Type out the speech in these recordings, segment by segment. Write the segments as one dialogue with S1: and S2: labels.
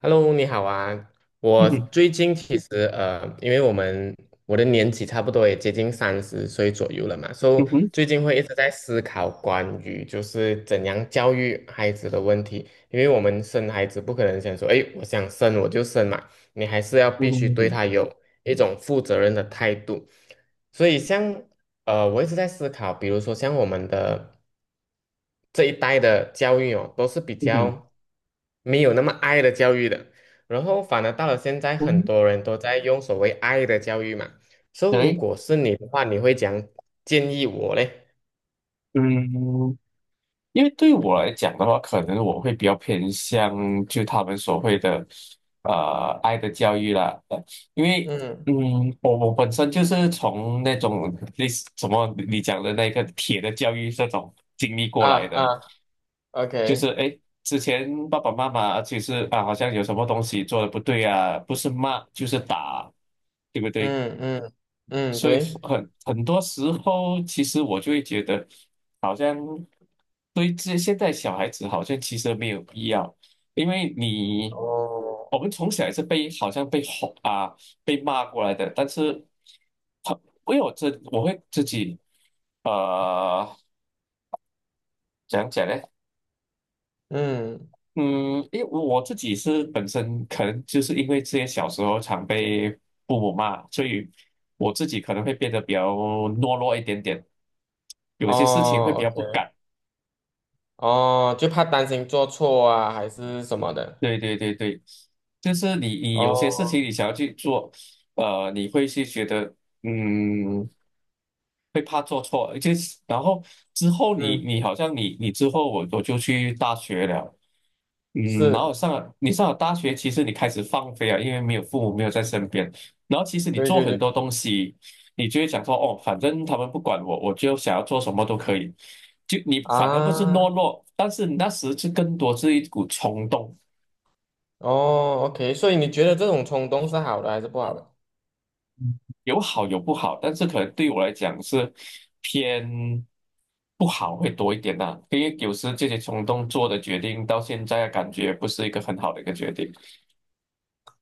S1: Hello，你好啊！
S2: 嗯
S1: 我
S2: 哼，
S1: 最近其实因为我的年纪差不多也接近30岁左右了嘛，所以
S2: 嗯哼，
S1: 最近会一直在思考关于就是怎样教育孩子的问题。因为我们生孩子不可能想说，哎，我想生我就生嘛，你还是要
S2: 嗯
S1: 必须
S2: 哼，
S1: 对
S2: 嗯
S1: 他有一种负责任的态度。所以我一直在思考，比如说像我们的。这一代的教育哦，都是比
S2: 哼，
S1: 较没有那么爱的教育的，然后反而到了现在，很
S2: 嗯，
S1: 多人都在用所谓爱的教育嘛。所以
S2: 可
S1: 如
S2: 以。
S1: 果是你的话，你会建议我嘞？
S2: 嗯，因为对我来讲的话，可能我会比较偏向就他们所谓的爱的教育啦。因为
S1: 嗯。
S2: 我本身就是从那种类似什么你讲的那个铁的教育这种经历过
S1: 啊
S2: 来的。
S1: 啊
S2: 就是
S1: ，OK。
S2: 哎，诶之前爸爸妈妈其实啊，好像有什么东西做的不对啊，不是骂就是打，对不对？
S1: 嗯嗯嗯，
S2: 所以
S1: 对。
S2: 很多时候，其实我就会觉得，好像对这现在小孩子好像其实没有必要。因为
S1: 哦。
S2: 我们从小也是被好像被吼啊被骂过来的，但是很因为我会自己呃怎样讲呢？
S1: 嗯。
S2: 嗯，因为我自己是本身可能就是因为之前小时候常被父母骂，所以我自己可能会变得比较懦弱一点点，有些事情会
S1: 哦
S2: 比较不
S1: ，OK。
S2: 敢。
S1: 哦，就怕担心做错啊，还是什么的。
S2: 对对对对，就是你有些事
S1: 哦。
S2: 情你想要去做，你会去觉得嗯会怕做错。而且然后之后你
S1: 嗯。
S2: 你好像你之后我就去大学了。嗯，然后
S1: 是。
S2: 你上了大学，其实你开始放飞啊，因为没有父母没有在身边，然后其实你
S1: 对
S2: 做
S1: 对
S2: 很
S1: 对。
S2: 多东西，你就会想说，哦，反正他们不管我，我就想要做什么都可以。就你反而不是懦
S1: 啊。
S2: 弱，但是那时是更多是一股冲动。
S1: 哦，OK，所以你觉得这种冲动是好的还是不好的？
S2: 有好有不好，但是可能对我来讲是偏不好会多一点呐、因为有时这些冲动做的决定，到现在感觉不是一个很好的一个决定。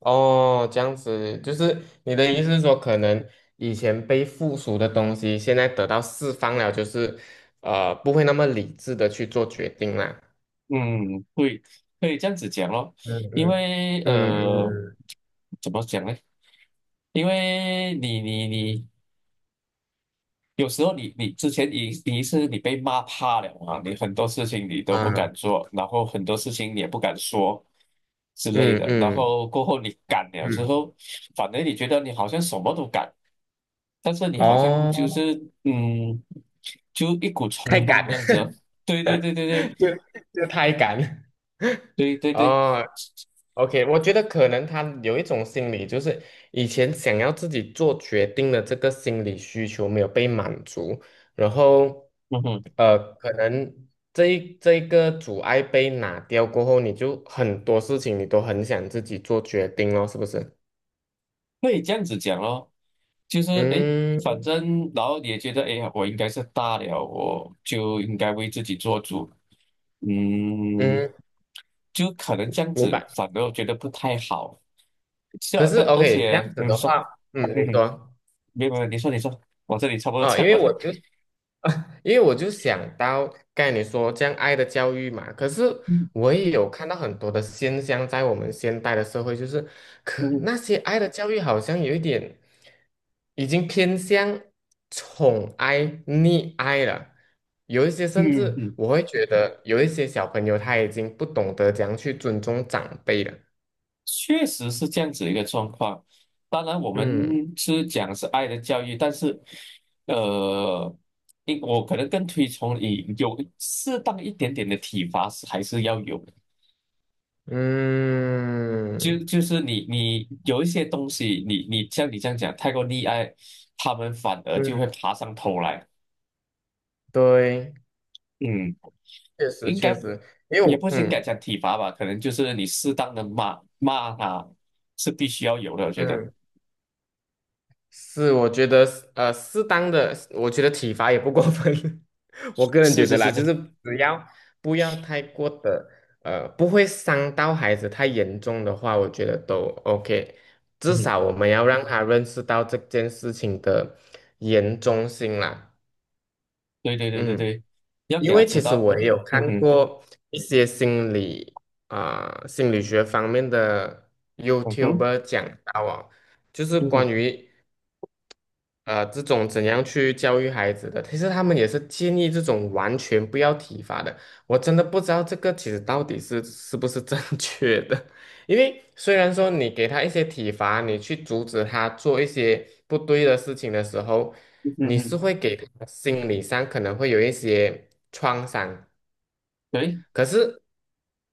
S1: 哦，这样子，就是你的意思是说，可能以前被附属的东西，现在得到释放了，就是不会那么理智的去做决定啦。
S2: 嗯，可以这样子讲咯。
S1: 嗯
S2: 因
S1: 嗯
S2: 为
S1: 嗯嗯。
S2: 怎么讲呢？因为你有时候你之前你是你被骂怕了嘛，你很多事情你都不
S1: 啊。
S2: 敢做，然后很多事情你也不敢说之类
S1: 嗯
S2: 的。然
S1: 嗯
S2: 后过后你敢了之
S1: 嗯。
S2: 后，反正你觉得你好像什么都敢，但是你好像就
S1: 哦，
S2: 是嗯，就一股
S1: 太
S2: 冲
S1: 赶。
S2: 动这样子哦。对对对对
S1: 就就太赶
S2: 对 对对对，
S1: 哦。OK，我觉得可能他有一种心理，就是以前想要自己做决定的这个心理需求没有被满足，然后，
S2: 嗯哼。
S1: 可能这一个阻碍被拿掉过后，你就很多事情你都很想自己做决定咯，是不是？
S2: 可以这样子讲咯，就是诶，反
S1: 嗯
S2: 正然后你也觉得诶，我应该是大了，我就应该为自己做主。嗯，
S1: 嗯，
S2: 就可能这样
S1: 明
S2: 子，
S1: 白。
S2: 反而我觉得不太好。是
S1: 可
S2: 啊，
S1: 是
S2: 而
S1: OK，这样
S2: 且
S1: 子
S2: 你
S1: 的
S2: 说。
S1: 话，嗯，你
S2: 嗯，
S1: 说。
S2: 没有没有，你说你说，我这里差不多
S1: 啊，因
S2: 讲
S1: 为
S2: 完了。
S1: 因为我就想到刚才你说这样爱的教育嘛，可是
S2: 嗯
S1: 我也有看到很多的现象，在我们现代的社会，就是可那些爱的教育好像有一点已经偏向宠爱、溺爱了，有一些甚
S2: 嗯
S1: 至
S2: 嗯。
S1: 我会觉得有一些小朋友他已经不懂得怎样去尊重长辈了。
S2: 确实是这样子一个状况。当然，我
S1: 嗯
S2: 们是讲是爱的教育，但是，呃，因我可能更推崇你有适当一点点的体罚是还是要有的。就
S1: 嗯
S2: 就是你有一些东西，你像你这样讲太过溺爱，他们反而就
S1: 嗯，
S2: 会爬上头来。
S1: 对，
S2: 嗯，
S1: 确实
S2: 应
S1: 确
S2: 该
S1: 实，因为
S2: 也
S1: 我
S2: 不是应该
S1: 嗯。
S2: 讲体罚吧，可能就是你适当的骂骂他是必须要有的，我觉得
S1: 嗯。是，我觉得适当的，我觉得体罚也不过分。我个人
S2: 是
S1: 觉
S2: 是
S1: 得啦，
S2: 是
S1: 就
S2: 是，
S1: 是只要不要太过的，不会伤到孩子太严重的话，我觉得都 OK。至少我们要让他认识到这件事情的严重性啦。
S2: 对对对对
S1: 嗯，
S2: 对，要给
S1: 因
S2: 他
S1: 为其
S2: 知
S1: 实
S2: 道，
S1: 我也有看
S2: 哼，
S1: 过一些心理啊、心理学方面的
S2: 嗯哼，
S1: YouTuber 讲到啊，就是
S2: 嗯哼，
S1: 关
S2: 嗯哼，
S1: 于。这种怎样去教育孩子的？其实他们也是建议这种完全不要体罚的。我真的不知道这个其实到底是不是正 确的，因为虽然说你给他一些体罚，你去阻止他做一些不对的事情的时候，
S2: 嗯
S1: 你是
S2: 哼，
S1: 会给他心理上可能会有一些创伤。
S2: 对
S1: 可是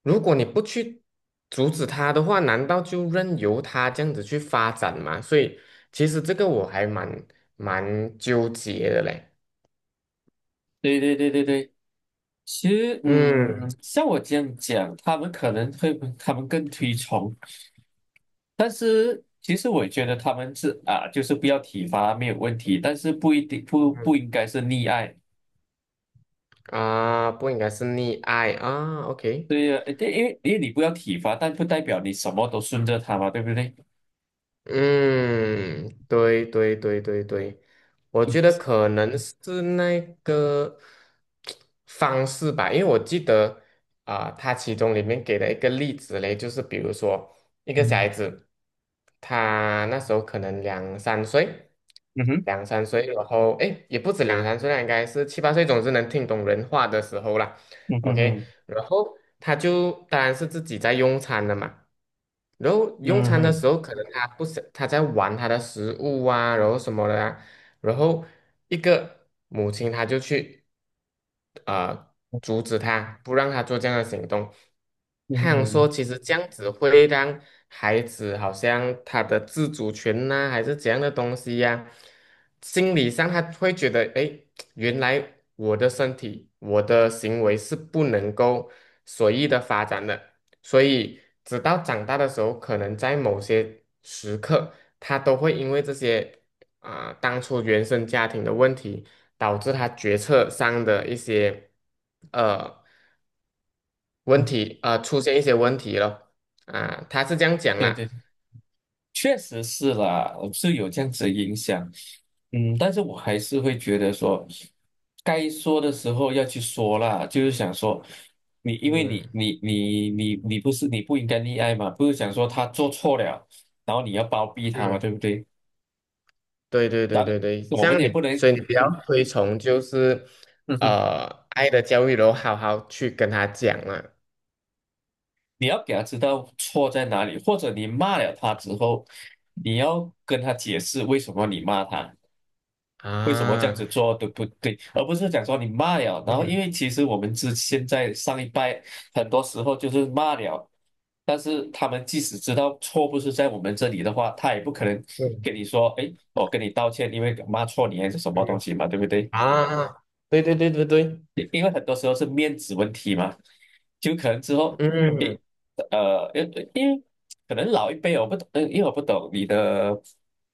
S1: 如果你不去阻止他的话，难道就任由他这样子去发展吗？所以其实这个我还蛮纠结的嘞。
S2: 对对对对对。其实
S1: 嗯
S2: 像我这样讲，他们可能会，他们更推崇，但是其实我觉得他们是啊，就是不要体罚没有问题，但是不一定不
S1: 嗯
S2: 应该是溺爱。
S1: 啊，不应该是溺爱啊，OK。
S2: 对呀，对，因为你不要体罚，但不代表你什么都顺着他嘛，对不对？
S1: 嗯，对对对对对，我觉得可能是那个方式吧，因为我记得啊、它其中里面给了一个例子嘞，就是比如说一个小
S2: 嗯
S1: 孩子，他那时候可能两三岁，
S2: 嗯
S1: 两三岁，然后诶，也不止两三岁啦，应该是七八岁，总之能听懂人话的时候啦。
S2: 嗯
S1: OK，
S2: 哼，
S1: 然后他就当然是自己在用餐了嘛。然后用
S2: 嗯哼，嗯
S1: 餐的
S2: 哼，
S1: 时候，可能他不是他在玩他的食物啊，然后什么的啊，然后一个母亲她就去。呃阻止他，不让他做这样的行动。
S2: 嗯
S1: 他想说，其
S2: 哼，
S1: 实这样子会让孩子好像他的自主权呐、还是怎样的东西呀、心理上他会觉得，诶，原来我的身体、我的行为是不能够随意的发展的，所以直到长大的时候，可能在某些时刻，他都会因为这些。啊、当初原生家庭的问题，导致他决策上的一些呃问
S2: 嗯哼，
S1: 题，出现一些问题了啊、他是这样讲
S2: 对对
S1: 啦，
S2: 对。确实是啦，是有这样子的影响。嗯，但是我还是会觉得说，该说的时候要去说啦，就是想说，你因为你
S1: 嗯
S2: 你你你你不是你不应该溺爱嘛，不是想说他做错了，然后你要包庇他嘛，对
S1: 嗯，
S2: 不对？
S1: 对对对
S2: 当然，
S1: 对对，
S2: 我
S1: 这
S2: 们
S1: 样
S2: 也
S1: 你，
S2: 不能，
S1: 所以你比较
S2: 嗯
S1: 推崇就是
S2: 嗯哼，
S1: 爱的教育，然后好好去跟他讲嘛，
S2: 你要给他知道错在哪里，或者你骂了他之后，你要跟他解释为什么你骂他。为什么这样
S1: 啊，
S2: 子做对不对，而不是讲说你骂了，然后因
S1: 嗯
S2: 为其实我们现在上一代很多时候就是骂了，但是他们即使知道错不是在我们这里的话，他也不可能
S1: 嗯
S2: 跟你说，哎，我跟你道歉，因为骂错你还是什么东
S1: 嗯
S2: 西嘛，对不对？
S1: 啊，对对对对对，
S2: 因为很多时候是面子问题嘛，就可能之后，
S1: 嗯
S2: 诶，因为可能老一辈我不懂，因为我不懂你的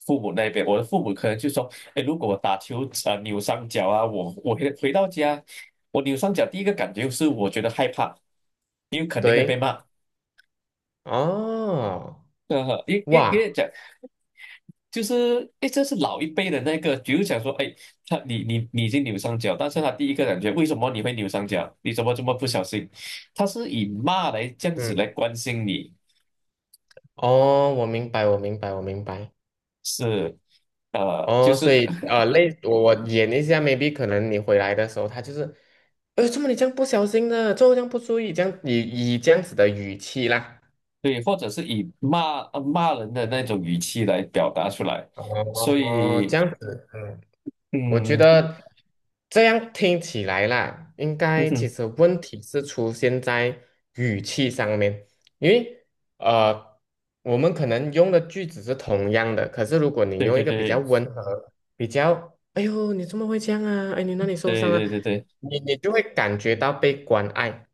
S2: 父母那边，我的父母可能就说，诶，如果我打球啊扭伤脚啊，我回到家，我扭伤脚第一个感觉是我觉得害怕，因为肯定会被
S1: 对，
S2: 骂。
S1: 哦，
S2: 因为
S1: 哇。
S2: 讲就是哎，这是老一辈的那个，比如讲说，哎，他你你你已经扭伤脚，但是他第一个感觉，为什么你会扭伤脚？你怎么这么不小心？他是以骂来这样子来
S1: 嗯。
S2: 关心你，
S1: 哦，我明白，我明白，我明白。
S2: 是就
S1: 哦，所
S2: 是
S1: 以我演一下，maybe 可能你回来的时候，他就是，哎，怎么你这样不小心的，怎么这样不注意，这样以这样子的语气啦。
S2: 对，或者是以骂骂人的那种语气来表达出来，所
S1: 哦，这
S2: 以
S1: 样子，嗯。我觉
S2: 嗯
S1: 得这样听起来啦，应
S2: 嗯
S1: 该
S2: 哼，
S1: 其实问题是出现在语气上面，因为呃，我们可能用的句子是同样的，可是如果你
S2: 对
S1: 用
S2: 对
S1: 一个比较
S2: 对
S1: 温和、比较“哎呦，你怎么会这样啊？哎，你哪里受
S2: 对
S1: 伤啊？”
S2: 对
S1: 哎
S2: 对对对
S1: 你就会感觉到被关爱，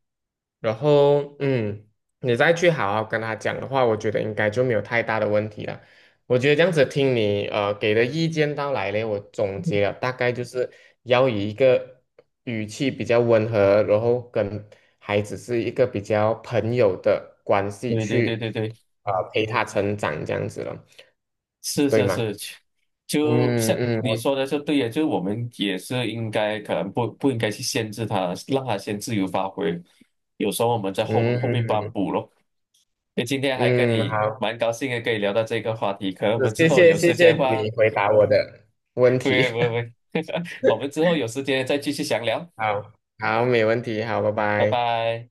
S1: 然后你再去好好跟他讲的话，我觉得应该就没有太大的问题了。我觉得这样子听你给的意见到来呢，我总结了大概就是要以一个语气比较温和，然后跟孩子是一个比较朋友的关系
S2: 对对对
S1: 去
S2: 对对。
S1: 陪他成长这样子了，
S2: 是
S1: 对
S2: 是
S1: 吗？
S2: 是，就
S1: 嗯
S2: 像
S1: 嗯，
S2: 你
S1: 我
S2: 说的就对呀，就是我们也是应该可能不应该去限制他，让他先自由发挥。有时候我们在后面把他
S1: 嗯
S2: 补咯。那今天还跟
S1: 嗯
S2: 你
S1: 好，
S2: 蛮高兴的，可以聊到这个话题。可能我
S1: 是
S2: 们之
S1: 谢
S2: 后
S1: 谢
S2: 有
S1: 谢
S2: 时间
S1: 谢
S2: 的话，
S1: 你回答我的问
S2: 不
S1: 题，
S2: 会不会不 会，我们之后有时间再继续详聊。
S1: 好好没问题，好，拜
S2: 拜
S1: 拜。
S2: 拜。